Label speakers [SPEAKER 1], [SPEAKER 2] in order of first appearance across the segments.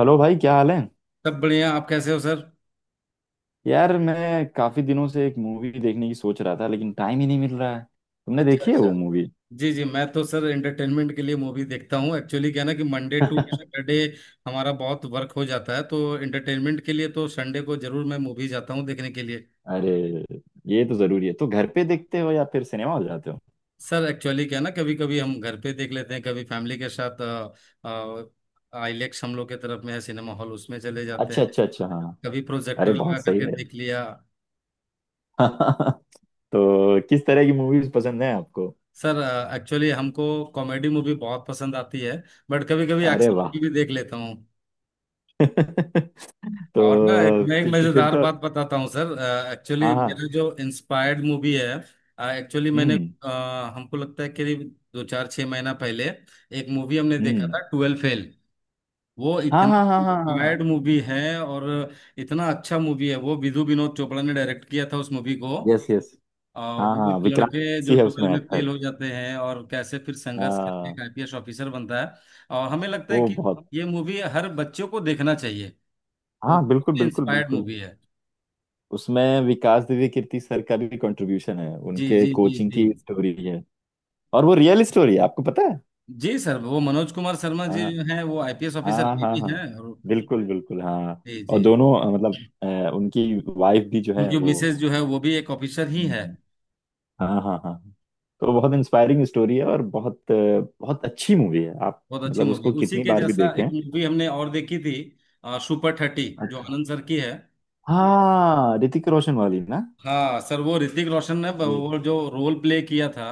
[SPEAKER 1] Hello भाई, क्या हाल है?
[SPEAKER 2] सब बढ़िया। आप कैसे हो सर?
[SPEAKER 1] यार, मैं काफी दिनों से एक मूवी देखने की सोच रहा था, लेकिन टाइम ही नहीं मिल रहा है। तुमने
[SPEAKER 2] अच्छा,
[SPEAKER 1] देखी है
[SPEAKER 2] अच्छा।
[SPEAKER 1] वो मूवी?
[SPEAKER 2] जी, जी, मैं तो सर एंटरटेनमेंट के लिए मूवी देखता हूँ। एक्चुअली क्या है ना कि मंडे टू सैटरडे हमारा बहुत वर्क हो जाता है, तो एंटरटेनमेंट के लिए तो संडे को जरूर मैं मूवी जाता हूँ देखने के लिए।
[SPEAKER 1] अरे, ये तो जरूरी है। तो घर पे देखते हो या फिर सिनेमा हो जाते हो?
[SPEAKER 2] सर एक्चुअली क्या है ना, कभी कभी हम घर पे देख लेते हैं, कभी फैमिली के साथ। आईलेक्स हम लोग के तरफ में है सिनेमा हॉल, उसमें चले जाते
[SPEAKER 1] अच्छा
[SPEAKER 2] हैं।
[SPEAKER 1] अच्छा अच्छा, हाँ।
[SPEAKER 2] कभी
[SPEAKER 1] अरे
[SPEAKER 2] प्रोजेक्टर
[SPEAKER 1] बहुत
[SPEAKER 2] लगा
[SPEAKER 1] सही
[SPEAKER 2] करके
[SPEAKER 1] है।
[SPEAKER 2] देख लिया।
[SPEAKER 1] तो किस तरह की मूवीज पसंद है आपको?
[SPEAKER 2] सर एक्चुअली हमको कॉमेडी मूवी बहुत पसंद आती है। बट कभी कभी
[SPEAKER 1] अरे
[SPEAKER 2] एक्शन
[SPEAKER 1] वाह।
[SPEAKER 2] मूवी भी देख लेता हूँ।
[SPEAKER 1] तो,
[SPEAKER 2] और ना एक
[SPEAKER 1] तो,
[SPEAKER 2] मैं एक
[SPEAKER 1] तो फिर
[SPEAKER 2] मजेदार
[SPEAKER 1] तो
[SPEAKER 2] बात बताता हूँ सर। एक्चुअली
[SPEAKER 1] हाँ
[SPEAKER 2] मेरा
[SPEAKER 1] हाँ।
[SPEAKER 2] जो इंस्पायर्ड मूवी है, एक्चुअली मैंने
[SPEAKER 1] हम्म।
[SPEAKER 2] अ, हमको लगता है करीब दो चार छह महीना पहले एक मूवी हमने देखा
[SPEAKER 1] हम्म।
[SPEAKER 2] था, 12 फेल। वो
[SPEAKER 1] हाँ
[SPEAKER 2] इतनी
[SPEAKER 1] हाँ हाँ हाँ हाँ।
[SPEAKER 2] इंस्पायर्ड मूवी है और इतना अच्छा मूवी है। वो विधु विनोद चोपड़ा ने डायरेक्ट किया था उस मूवी को।
[SPEAKER 1] Yes yes. हाँ
[SPEAKER 2] वो
[SPEAKER 1] हाँ,
[SPEAKER 2] एक
[SPEAKER 1] विक्रांत
[SPEAKER 2] लड़के जो
[SPEAKER 1] मैसी है
[SPEAKER 2] 12
[SPEAKER 1] उसमें
[SPEAKER 2] में फेल
[SPEAKER 1] एक्टर।
[SPEAKER 2] हो जाते हैं और कैसे फिर संघर्ष करके
[SPEAKER 1] हाँ,
[SPEAKER 2] एक आईपीएस ऑफिसर बनता है। और हमें लगता है
[SPEAKER 1] वो
[SPEAKER 2] कि
[SPEAKER 1] बहुत।
[SPEAKER 2] ये मूवी हर बच्चों को देखना चाहिए। वो
[SPEAKER 1] हाँ बिल्कुल बिल्कुल
[SPEAKER 2] इंस्पायर्ड
[SPEAKER 1] बिल्कुल।
[SPEAKER 2] मूवी है।
[SPEAKER 1] उसमें विकास दिव्य कीर्ति सर का भी कंट्रीब्यूशन है,
[SPEAKER 2] जी,
[SPEAKER 1] उनके
[SPEAKER 2] जी, जी,
[SPEAKER 1] कोचिंग
[SPEAKER 2] जी।
[SPEAKER 1] की स्टोरी है। और वो रियल स्टोरी है, आपको पता है?
[SPEAKER 2] जी सर, वो मनोज कुमार शर्मा जी
[SPEAKER 1] हाँ
[SPEAKER 2] जो हैं, वो आईपीएस ऑफिसर
[SPEAKER 1] हाँ
[SPEAKER 2] अभी
[SPEAKER 1] हाँ
[SPEAKER 2] भी हैं।
[SPEAKER 1] हाँ,
[SPEAKER 2] और
[SPEAKER 1] बिल्कुल बिल्कुल, हाँ।
[SPEAKER 2] जी,
[SPEAKER 1] और
[SPEAKER 2] जी।
[SPEAKER 1] दोनों मतलब, उनकी वाइफ भी जो है
[SPEAKER 2] उनकी
[SPEAKER 1] वो।
[SPEAKER 2] मिसेज जो है, वो भी एक ऑफिसर ही है।
[SPEAKER 1] हम्म, हाँ हाँ हाँ। तो बहुत इंस्पायरिंग स्टोरी है और बहुत बहुत अच्छी मूवी है। आप
[SPEAKER 2] बहुत अच्छी
[SPEAKER 1] मतलब
[SPEAKER 2] मूवी है।
[SPEAKER 1] उसको
[SPEAKER 2] उसी
[SPEAKER 1] कितनी
[SPEAKER 2] के
[SPEAKER 1] बार भी
[SPEAKER 2] जैसा
[SPEAKER 1] देखें।
[SPEAKER 2] एक मूवी हमने और देखी थी, सुपर 30, जो
[SPEAKER 1] अच्छा।
[SPEAKER 2] आनंद सर की है।
[SPEAKER 1] हाँ, ऋतिक रोशन वाली ना।
[SPEAKER 2] हाँ सर, वो ऋतिक रोशन ने
[SPEAKER 1] ये
[SPEAKER 2] वो जो रोल प्ले किया था।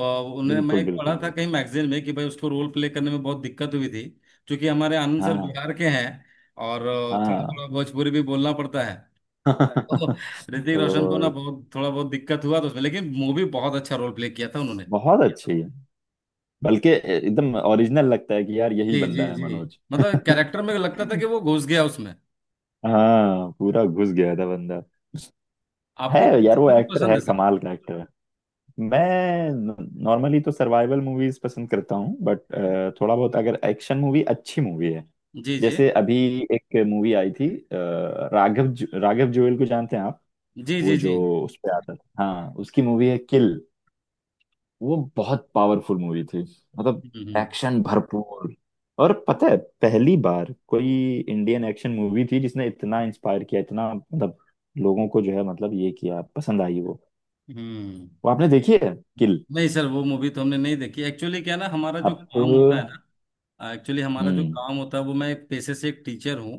[SPEAKER 2] और उन्हें मैं
[SPEAKER 1] बिल्कुल
[SPEAKER 2] एक पढ़ा
[SPEAKER 1] बिल्कुल
[SPEAKER 2] था
[SPEAKER 1] बिल्कुल।
[SPEAKER 2] कहीं मैगजीन में कि भाई उसको रोल प्ले करने में बहुत दिक्कत हुई थी। क्योंकि हमारे आनंद सर
[SPEAKER 1] हाँ
[SPEAKER 2] बिहार के हैं और थोड़ा
[SPEAKER 1] हाँ।
[SPEAKER 2] थोड़ा भोजपुरी भी बोलना पड़ता है। तो ऋतिक रोशन को ना
[SPEAKER 1] तो
[SPEAKER 2] बहुत थोड़ा बहुत दिक्कत हुआ तो उसमें, लेकिन मूवी बहुत अच्छा रोल प्ले किया था उन्होंने।
[SPEAKER 1] बहुत अच्छी है। बल्कि एकदम ओरिजिनल लगता है कि यार, यही
[SPEAKER 2] जी, जी,
[SPEAKER 1] बंदा है
[SPEAKER 2] जी।
[SPEAKER 1] मनोज।
[SPEAKER 2] मतलब कैरेक्टर में लगता था कि वो घुस गया उसमें।
[SPEAKER 1] हाँ, पूरा घुस गया था बंदा। है
[SPEAKER 2] आपको कौन सी
[SPEAKER 1] यार, वो
[SPEAKER 2] मूवी
[SPEAKER 1] एक्टर
[SPEAKER 2] पसंद
[SPEAKER 1] है,
[SPEAKER 2] है सर?
[SPEAKER 1] कमाल का एक्टर है। मैं नॉर्मली तो सर्वाइवल मूवीज पसंद करता हूँ, बट थोड़ा बहुत अगर एक्शन मूवी अच्छी मूवी है।
[SPEAKER 2] जी, जी,
[SPEAKER 1] जैसे अभी एक मूवी आई थी, राघव, राघव जुएल को जानते हैं आप?
[SPEAKER 2] जी, जी,
[SPEAKER 1] वो
[SPEAKER 2] जी।
[SPEAKER 1] जो उस पे आता था, हाँ, उसकी मूवी है किल। वो बहुत पावरफुल मूवी थी मतलब,
[SPEAKER 2] हम्म, हम्म,
[SPEAKER 1] एक्शन भरपूर। और पता है, पहली बार कोई इंडियन एक्शन मूवी थी जिसने इतना इंस्पायर किया, इतना मतलब लोगों को जो है, मतलब ये किया, पसंद आई वो।
[SPEAKER 2] हम्म।
[SPEAKER 1] वो आपने देखी है किल?
[SPEAKER 2] नहीं सर, वो मूवी तो हमने नहीं देखी। एक्चुअली क्या है ना, हमारा जो
[SPEAKER 1] आपको
[SPEAKER 2] काम होता है ना। एक्चुअली हमारा जो
[SPEAKER 1] हम्म।
[SPEAKER 2] काम होता है वो, मैं एक पेशे से एक टीचर हूँ।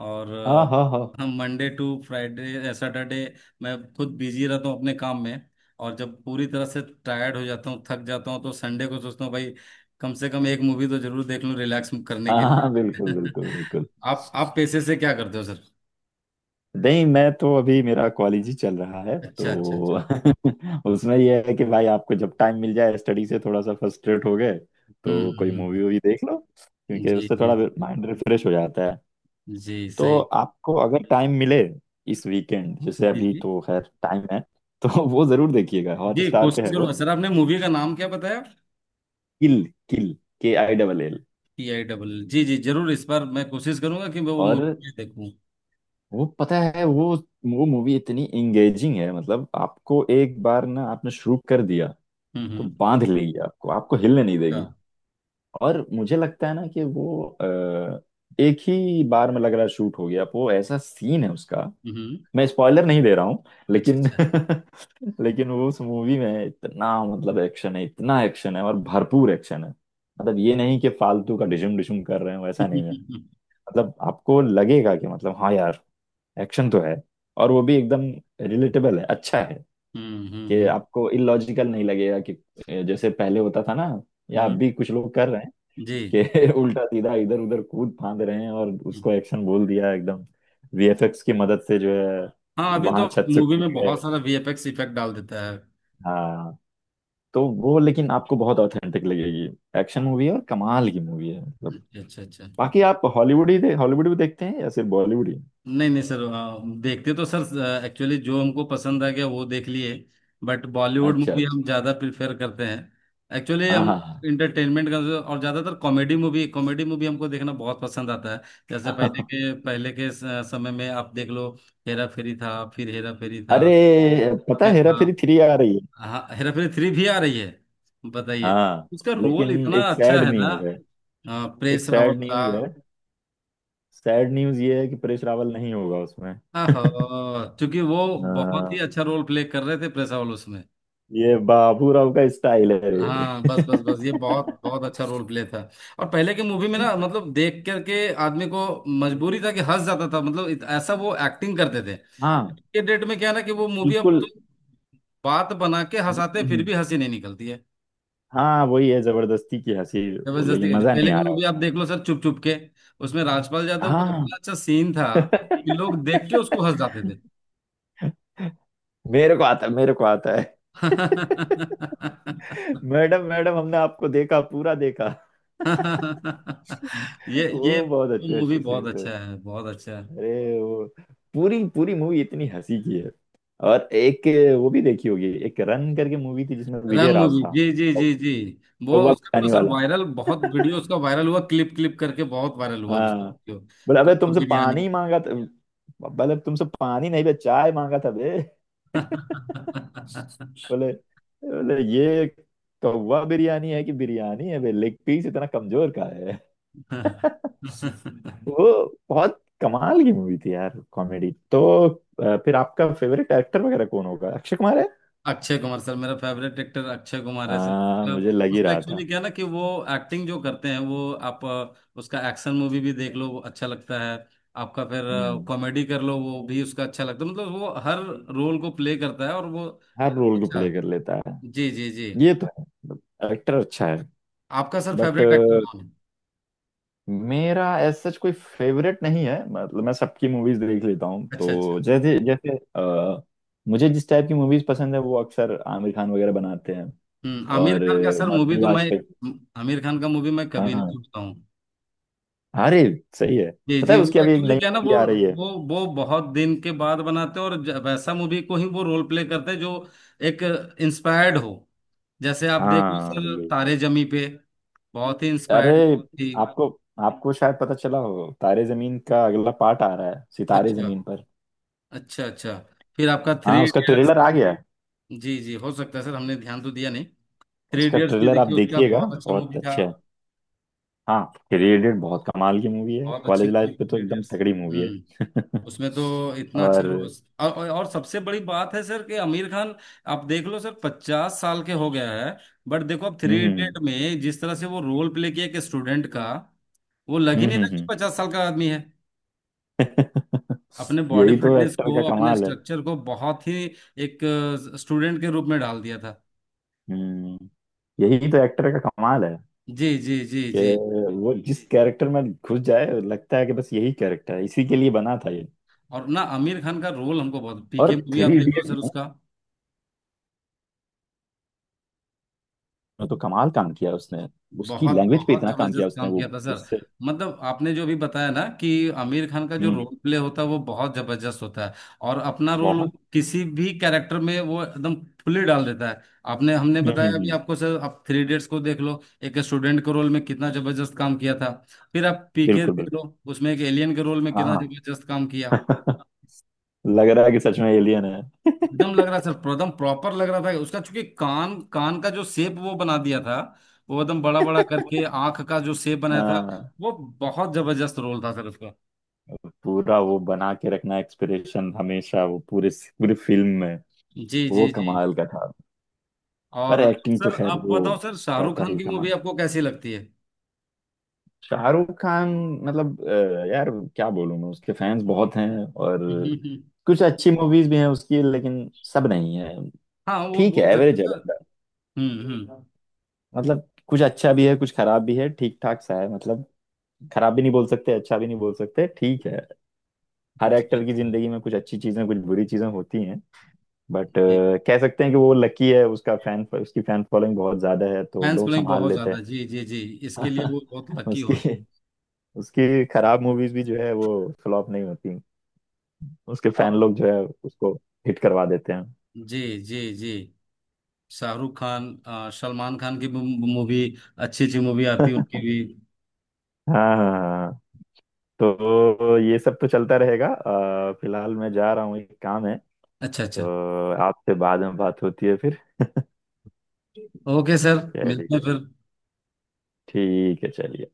[SPEAKER 2] और
[SPEAKER 1] हाँ हाँ हाँ,
[SPEAKER 2] हम मंडे टू फ्राइडे सैटरडे मैं खुद बिजी रहता हूँ अपने काम में। और जब पूरी तरह से टायर्ड हो जाता हूँ, थक जाता हूँ, तो संडे को सोचता हूँ भाई कम से कम एक मूवी तो जरूर देख लूँ रिलैक्स करने
[SPEAKER 1] हाँ
[SPEAKER 2] के लिए।
[SPEAKER 1] हाँ, बिल्कुल बिल्कुल बिल्कुल।
[SPEAKER 2] आप पेशे से क्या करते हो सर?
[SPEAKER 1] नहीं, मैं तो अभी मेरा कॉलेज ही चल रहा है
[SPEAKER 2] अच्छा, अच्छा,
[SPEAKER 1] तो।
[SPEAKER 2] अच्छा।
[SPEAKER 1] उसमें यह है कि भाई, आपको जब टाइम मिल जाए, स्टडी से थोड़ा सा फ्रस्ट्रेट हो गए तो
[SPEAKER 2] हम्म,
[SPEAKER 1] कोई
[SPEAKER 2] हम्म,
[SPEAKER 1] मूवी वूवी देख लो, क्योंकि
[SPEAKER 2] जी,
[SPEAKER 1] उससे
[SPEAKER 2] जी, जी,
[SPEAKER 1] थोड़ा माइंड रिफ्रेश हो जाता है।
[SPEAKER 2] जी
[SPEAKER 1] तो
[SPEAKER 2] सही।
[SPEAKER 1] आपको अगर टाइम मिले, इस वीकेंड, जैसे
[SPEAKER 2] जी,
[SPEAKER 1] अभी
[SPEAKER 2] जी,
[SPEAKER 1] तो खैर टाइम है, तो वो जरूर देखिएगा।
[SPEAKER 2] जी,
[SPEAKER 1] हॉटस्टार पे
[SPEAKER 2] कोशिश
[SPEAKER 1] है वो।
[SPEAKER 2] करूंगा सर। आपने मूवी का नाम क्या बताया?
[SPEAKER 1] Kill. Kill. K I double L.
[SPEAKER 2] PIGG। जी, जरूर इस बार मैं कोशिश करूंगा कि मैं वो
[SPEAKER 1] और
[SPEAKER 2] मूवी देखूं।
[SPEAKER 1] वो पता है, वो मूवी इतनी एंगेजिंग है मतलब, आपको एक बार ना आपने शुरू कर दिया,
[SPEAKER 2] हम्म, हम्म।
[SPEAKER 1] तो बांध लेगी आपको, आपको हिलने नहीं
[SPEAKER 2] अच्छा।
[SPEAKER 1] देगी। और मुझे लगता है ना कि वो एक ही बार में लग रहा है शूट हो गया, वो ऐसा सीन है उसका।
[SPEAKER 2] हम्म।
[SPEAKER 1] मैं स्पॉइलर नहीं दे रहा हूँ,
[SPEAKER 2] अच्छा,
[SPEAKER 1] लेकिन
[SPEAKER 2] अच्छा।
[SPEAKER 1] लेकिन वो उस मूवी में इतना मतलब एक्शन है, इतना एक्शन है और भरपूर एक्शन है। मतलब ये नहीं कि फालतू का डिशुम डिशुम कर रहे हो, ऐसा नहीं है। मतलब आपको लगेगा कि मतलब हाँ यार, एक्शन तो है, और वो भी एकदम रिलेटेबल है, अच्छा है।
[SPEAKER 2] हम्म, हम्म,
[SPEAKER 1] कि
[SPEAKER 2] हम्म,
[SPEAKER 1] आपको इलॉजिकल नहीं लगेगा कि जैसे पहले होता था ना, या अब
[SPEAKER 2] हम्म,
[SPEAKER 1] भी कुछ लोग कर रहे हैं
[SPEAKER 2] जी।
[SPEAKER 1] कि उल्टा सीधा इधर उधर कूद फांद रहे हैं और
[SPEAKER 2] हम्म।
[SPEAKER 1] उसको एक्शन बोल दिया एकदम। वीएफएक्स की मदद से जो है,
[SPEAKER 2] हाँ अभी तो
[SPEAKER 1] वहां छत से
[SPEAKER 2] मूवी
[SPEAKER 1] कूद
[SPEAKER 2] में
[SPEAKER 1] गए।
[SPEAKER 2] बहुत सारा वीएफएक्स इफेक्ट डाल देता है।
[SPEAKER 1] हाँ, तो वो लेकिन आपको बहुत ऑथेंटिक लगेगी। एक्शन मूवी है और कमाल की मूवी है मतलब।
[SPEAKER 2] अच्छा, अच्छा, अच्छा।
[SPEAKER 1] बाकी आप हॉलीवुड भी देखते हैं या सिर्फ बॉलीवुड ही?
[SPEAKER 2] नहीं नहीं सर, देखते तो सर एक्चुअली जो हमको पसंद आ गया वो देख लिए। बट बॉलीवुड
[SPEAKER 1] अच्छा
[SPEAKER 2] मूवी
[SPEAKER 1] अच्छा,
[SPEAKER 2] हम ज़्यादा प्रिफेर करते हैं एक्चुअली
[SPEAKER 1] हाँ
[SPEAKER 2] हम।
[SPEAKER 1] हाँ
[SPEAKER 2] इंटरटेनमेंट का और ज़्यादातर कॉमेडी मूवी, कॉमेडी मूवी हमको देखना बहुत पसंद आता है। जैसे पहले
[SPEAKER 1] हाँ।
[SPEAKER 2] के पहले के समय में आप देख लो। हेरा फेरी था, फिर हेरा फेरी था।
[SPEAKER 1] अरे, पता
[SPEAKER 2] ये
[SPEAKER 1] है हेरा
[SPEAKER 2] था।
[SPEAKER 1] फेरी थ्री आ रही है?
[SPEAKER 2] हाँ, हेरा फेरी 3 भी आ रही है। बताइए,
[SPEAKER 1] हाँ,
[SPEAKER 2] उसका रोल
[SPEAKER 1] लेकिन
[SPEAKER 2] इतना
[SPEAKER 1] एक
[SPEAKER 2] अच्छा
[SPEAKER 1] सैड
[SPEAKER 2] है ना,
[SPEAKER 1] न्यूज है। एक
[SPEAKER 2] परेश रावल
[SPEAKER 1] सैड
[SPEAKER 2] का।
[SPEAKER 1] न्यूज है। सैड न्यूज ये है कि परेश रावल नहीं होगा उसमें।
[SPEAKER 2] हाँ, क्योंकि वो
[SPEAKER 1] आ,
[SPEAKER 2] बहुत ही अच्छा रोल प्ले कर रहे थे प्रेस हाउस में।
[SPEAKER 1] ये बाबूराव का स्टाइल है
[SPEAKER 2] हाँ
[SPEAKER 1] रे।
[SPEAKER 2] बस, बस, बस, ये बहुत बहुत अच्छा रोल प्ले था। और पहले के मूवी में ना, मतलब, देख करके आदमी को मजबूरी था कि हंस जाता था, मतलब ऐसा वो एक्टिंग करते थे।
[SPEAKER 1] हाँ
[SPEAKER 2] के डेट में क्या है ना कि वो मूवी अब
[SPEAKER 1] बिल्कुल।
[SPEAKER 2] तो बात बना के हंसाते हैं, फिर भी हंसी नहीं निकलती है।
[SPEAKER 1] हाँ वही है, जबरदस्ती की हंसी वो,
[SPEAKER 2] जबरदस्ती
[SPEAKER 1] लेकिन
[SPEAKER 2] करती है।
[SPEAKER 1] मजा नहीं
[SPEAKER 2] पहले
[SPEAKER 1] आ
[SPEAKER 2] की
[SPEAKER 1] रहा
[SPEAKER 2] मूवी आप
[SPEAKER 1] उसमें।
[SPEAKER 2] देख लो सर, चुप चुप के, उसमें राजपाल यादव का
[SPEAKER 1] हाँ,
[SPEAKER 2] इतना अच्छा सीन था कि लोग देख के उसको हंस जाते थे।
[SPEAKER 1] मेरे को आता है, मेरे को आता है। मैडम मैडम, हमने आपको देखा, पूरा देखा।
[SPEAKER 2] ये
[SPEAKER 1] वो बहुत अच्छे
[SPEAKER 2] मूवी
[SPEAKER 1] अच्छे
[SPEAKER 2] बहुत
[SPEAKER 1] सीन्स थे।
[SPEAKER 2] अच्छा है, बहुत अच्छा है।
[SPEAKER 1] अरे वो पूरी पूरी मूवी इतनी हंसी की है। और एक, वो भी देखी होगी, एक रन करके मूवी थी जिसमें
[SPEAKER 2] रन
[SPEAKER 1] विजय राज
[SPEAKER 2] मूवी।
[SPEAKER 1] था।
[SPEAKER 2] जी, जी, जी, जी। वो
[SPEAKER 1] कौवा
[SPEAKER 2] उसका तो
[SPEAKER 1] बनाने
[SPEAKER 2] सर
[SPEAKER 1] वाला।
[SPEAKER 2] वायरल बहुत वीडियो, उसका वायरल हुआ, क्लिप क्लिप करके बहुत वायरल हुआ उसका
[SPEAKER 1] हाँ,
[SPEAKER 2] वीडियो।
[SPEAKER 1] बोला अबे
[SPEAKER 2] कब?
[SPEAKER 1] तुमसे पानी मांगा था? बोले तुमसे पानी नहीं बे, चाय मांगा था बे।
[SPEAKER 2] बिरयानी।
[SPEAKER 1] बोले बोले ये कौवा बिरयानी है कि बिरयानी है बे? लेग पीस इतना कमजोर का है। वो बहुत कमाल की मूवी थी यार कॉमेडी तो। फिर आपका फेवरेट एक्टर वगैरह कौन होगा? अक्षय कुमार है?
[SPEAKER 2] अक्षय कुमार सर, मेरा फेवरेट एक्टर अक्षय कुमार है सर।
[SPEAKER 1] हाँ, मुझे लग ही
[SPEAKER 2] उसका
[SPEAKER 1] रहा
[SPEAKER 2] एक्चुअली
[SPEAKER 1] था।
[SPEAKER 2] क्या है ना कि वो एक्टिंग जो करते हैं, वो आप उसका एक्शन मूवी भी देख लो, वो अच्छा लगता है। आपका फिर
[SPEAKER 1] हम्म।
[SPEAKER 2] कॉमेडी कर लो, वो भी उसका अच्छा लगता है, मतलब वो हर रोल को प्ले करता है और वो
[SPEAKER 1] हर रोल को
[SPEAKER 2] अच्छा।
[SPEAKER 1] प्ले कर लेता है।
[SPEAKER 2] जी, जी, जी।
[SPEAKER 1] ये तो है, एक्टर अच्छा है।
[SPEAKER 2] आपका सर
[SPEAKER 1] बट
[SPEAKER 2] फेवरेट एक्टर कौन है?
[SPEAKER 1] मेरा एज सच कोई फेवरेट नहीं है, मतलब मैं सबकी मूवीज देख लेता हूँ।
[SPEAKER 2] अच्छा, अच्छा।
[SPEAKER 1] तो जैसे जैसे मुझे जिस टाइप की मूवीज पसंद है, वो अक्सर आमिर खान वगैरह बनाते हैं।
[SPEAKER 2] हम्म। आमिर
[SPEAKER 1] और
[SPEAKER 2] खान का सर मूवी
[SPEAKER 1] मरने
[SPEAKER 2] तो मैं,
[SPEAKER 1] वाजपेयी।
[SPEAKER 2] आमिर खान का मूवी मैं कभी नहीं
[SPEAKER 1] हाँ,
[SPEAKER 2] छूटता हूँ।
[SPEAKER 1] अरे सही है।
[SPEAKER 2] जी,
[SPEAKER 1] पता
[SPEAKER 2] जी,
[SPEAKER 1] है उसकी
[SPEAKER 2] वो
[SPEAKER 1] अभी एक
[SPEAKER 2] एक्चुअली
[SPEAKER 1] नई
[SPEAKER 2] क्या है ना,
[SPEAKER 1] मूवी
[SPEAKER 2] वो
[SPEAKER 1] आ रही है?
[SPEAKER 2] वो वो बहुत दिन के बाद बनाते हैं और वैसा मूवी को ही वो रोल प्ले करते हैं जो एक इंस्पायर्ड हो। जैसे आप देख लो
[SPEAKER 1] हाँ,
[SPEAKER 2] सर,
[SPEAKER 1] ये,
[SPEAKER 2] तारे जमी पे, बहुत ही
[SPEAKER 1] अरे
[SPEAKER 2] इंस्पायर्ड थी।
[SPEAKER 1] आपको, आपको शायद पता चला हो, तारे जमीन का अगला पार्ट आ रहा है, सितारे
[SPEAKER 2] अच्छा,
[SPEAKER 1] जमीन पर।
[SPEAKER 2] अच्छा, अच्छा। फिर आपका
[SPEAKER 1] हाँ,
[SPEAKER 2] थ्री
[SPEAKER 1] उसका
[SPEAKER 2] इडियट्स
[SPEAKER 1] ट्रेलर आ गया है।
[SPEAKER 2] जी, जी, हो सकता है सर, हमने ध्यान तो दिया नहीं। थ्री
[SPEAKER 1] उसका
[SPEAKER 2] इडियट्स भी
[SPEAKER 1] ट्रेलर आप
[SPEAKER 2] देखिए, उसका
[SPEAKER 1] देखिएगा,
[SPEAKER 2] बहुत अच्छा
[SPEAKER 1] बहुत
[SPEAKER 2] मूवी था।
[SPEAKER 1] अच्छा है। हाँ, थ्री इडियट बहुत कमाल की मूवी है,
[SPEAKER 2] बहुत अच्छी
[SPEAKER 1] कॉलेज
[SPEAKER 2] मूवी
[SPEAKER 1] लाइफ पे
[SPEAKER 2] थी
[SPEAKER 1] तो
[SPEAKER 2] थ्री
[SPEAKER 1] एकदम
[SPEAKER 2] इडियट्स
[SPEAKER 1] तगड़ी मूवी
[SPEAKER 2] हम्म।
[SPEAKER 1] है।
[SPEAKER 2] उसमें तो इतना अच्छा
[SPEAKER 1] और
[SPEAKER 2] और सबसे बड़ी बात है सर कि आमिर खान, आप देख लो सर, 50 साल के हो गया है। बट देखो अब
[SPEAKER 1] हम्म
[SPEAKER 2] थ्री
[SPEAKER 1] हम्म
[SPEAKER 2] इडियट में जिस तरह से वो रोल प्ले किया एक स्टूडेंट का, वो लग ही नहीं रहा कि
[SPEAKER 1] हम्म।
[SPEAKER 2] 50 साल का आदमी है। अपने बॉडी
[SPEAKER 1] यही तो
[SPEAKER 2] फिटनेस
[SPEAKER 1] एक्टर
[SPEAKER 2] को,
[SPEAKER 1] का
[SPEAKER 2] अपने
[SPEAKER 1] कमाल है।
[SPEAKER 2] स्ट्रक्चर को, बहुत ही एक स्टूडेंट के रूप में डाल दिया था।
[SPEAKER 1] हम्म। यही तो एक्टर का कमाल है
[SPEAKER 2] जी, जी, जी,
[SPEAKER 1] कि
[SPEAKER 2] जी।
[SPEAKER 1] वो जिस कैरेक्टर में घुस जाए, लगता है कि बस यही कैरेक्टर है, इसी के लिए बना था ये।
[SPEAKER 2] और ना आमिर खान का रोल हमको बहुत,
[SPEAKER 1] और
[SPEAKER 2] पीके मूवी आप
[SPEAKER 1] थ्री
[SPEAKER 2] देख लो
[SPEAKER 1] इडियट
[SPEAKER 2] सर
[SPEAKER 1] में
[SPEAKER 2] उसका,
[SPEAKER 1] वो तो कमाल काम किया उसने। उसकी
[SPEAKER 2] बहुत
[SPEAKER 1] लैंग्वेज पे
[SPEAKER 2] बहुत
[SPEAKER 1] इतना काम किया
[SPEAKER 2] जबरदस्त
[SPEAKER 1] उसने,
[SPEAKER 2] काम
[SPEAKER 1] वो
[SPEAKER 2] किया था सर।
[SPEAKER 1] उससे
[SPEAKER 2] मतलब आपने जो भी बताया ना कि आमिर खान का जो
[SPEAKER 1] हम्म,
[SPEAKER 2] रोल प्ले होता है वो बहुत जबरदस्त होता है। और अपना रोल
[SPEAKER 1] बहुत।
[SPEAKER 2] किसी भी कैरेक्टर में वो एकदम फुली डाल देता है। आपने हमने बताया अभी
[SPEAKER 1] हम्म।
[SPEAKER 2] आपको सर, आप 3 इडियट्स को देख लो, एक स्टूडेंट के रोल में कितना जबरदस्त काम किया था। फिर आप पीके
[SPEAKER 1] बिल्कुल
[SPEAKER 2] देख
[SPEAKER 1] बिल्कुल।
[SPEAKER 2] लो, उसमें एक एलियन के रोल में कितना
[SPEAKER 1] हाँ,
[SPEAKER 2] जबरदस्त काम किया।
[SPEAKER 1] लग रहा है कि सच में एलियन है।
[SPEAKER 2] एकदम लग रहा सर, एकदम प्रॉपर लग रहा था उसका। चूंकि कान कान का जो शेप वो बना दिया था, वो एकदम बड़ा बड़ा करके आंख का जो शेप बनाया था।
[SPEAKER 1] हाँ,
[SPEAKER 2] वो बहुत जबरदस्त रोल था सर उसका।
[SPEAKER 1] पूरा वो बना के रखना एक्सपिरेशन हमेशा वो पूरे, पूरी फिल्म में
[SPEAKER 2] जी,
[SPEAKER 1] वो
[SPEAKER 2] जी, जी।
[SPEAKER 1] कमाल का था। पर
[SPEAKER 2] और
[SPEAKER 1] एक्टिंग तो
[SPEAKER 2] सर
[SPEAKER 1] खैर
[SPEAKER 2] आप
[SPEAKER 1] वो
[SPEAKER 2] बताओ सर, शाहरुख
[SPEAKER 1] कहता
[SPEAKER 2] खान
[SPEAKER 1] ही
[SPEAKER 2] की मूवी
[SPEAKER 1] कमाल।
[SPEAKER 2] आपको कैसी लगती है?
[SPEAKER 1] शाहरुख खान, मतलब यार, क्या बोलूं, मैं उसके फैंस बहुत हैं। और कुछ अच्छी मूवीज भी हैं उसकी, लेकिन सब नहीं है।
[SPEAKER 2] हाँ वो
[SPEAKER 1] ठीक है,
[SPEAKER 2] बोल सकते हैं
[SPEAKER 1] एवरेज है
[SPEAKER 2] सर।
[SPEAKER 1] बंदा।
[SPEAKER 2] हम्म, हम्म।
[SPEAKER 1] मतलब कुछ अच्छा भी है, कुछ खराब भी है, ठीक ठाक सा है मतलब। खराब भी नहीं बोल सकते, अच्छा भी नहीं बोल सकते, ठीक है। हर
[SPEAKER 2] जी,
[SPEAKER 1] एक्टर की
[SPEAKER 2] जी,
[SPEAKER 1] जिंदगी में कुछ अच्छी चीजें, कुछ बुरी चीजें होती हैं। बट
[SPEAKER 2] जी।
[SPEAKER 1] कह सकते हैं कि वो लकी है, उसका फैन, उसकी फैन फॉलोइंग बहुत ज्यादा है, तो
[SPEAKER 2] फैंस
[SPEAKER 1] लोग
[SPEAKER 2] फॉलोइंग
[SPEAKER 1] संभाल
[SPEAKER 2] बहुत
[SPEAKER 1] लेते
[SPEAKER 2] ज्यादा। जी, जी, जी, इसके लिए वो बहुत
[SPEAKER 1] हैं।
[SPEAKER 2] लकी
[SPEAKER 1] उसकी,
[SPEAKER 2] हुए।
[SPEAKER 1] उसकी खराब मूवीज भी जो है वो फ्लॉप नहीं होती, उसके फैन
[SPEAKER 2] और
[SPEAKER 1] लोग जो है उसको हिट करवा देते हैं।
[SPEAKER 2] जी, जी, जी। शाहरुख खान, सलमान खान की मूवी, अच्छी अच्छी मूवी आती है उनकी भी।
[SPEAKER 1] हाँ हाँ हाँ। तो ये सब तो चलता रहेगा। फिलहाल मैं जा रहा हूँ, एक काम है,
[SPEAKER 2] अच्छा, अच्छा।
[SPEAKER 1] तो आपसे बाद में बात होती है फिर।
[SPEAKER 2] ओके सर, मिलते हैं
[SPEAKER 1] चलिए।
[SPEAKER 2] फिर।
[SPEAKER 1] ठीक है, चलिए।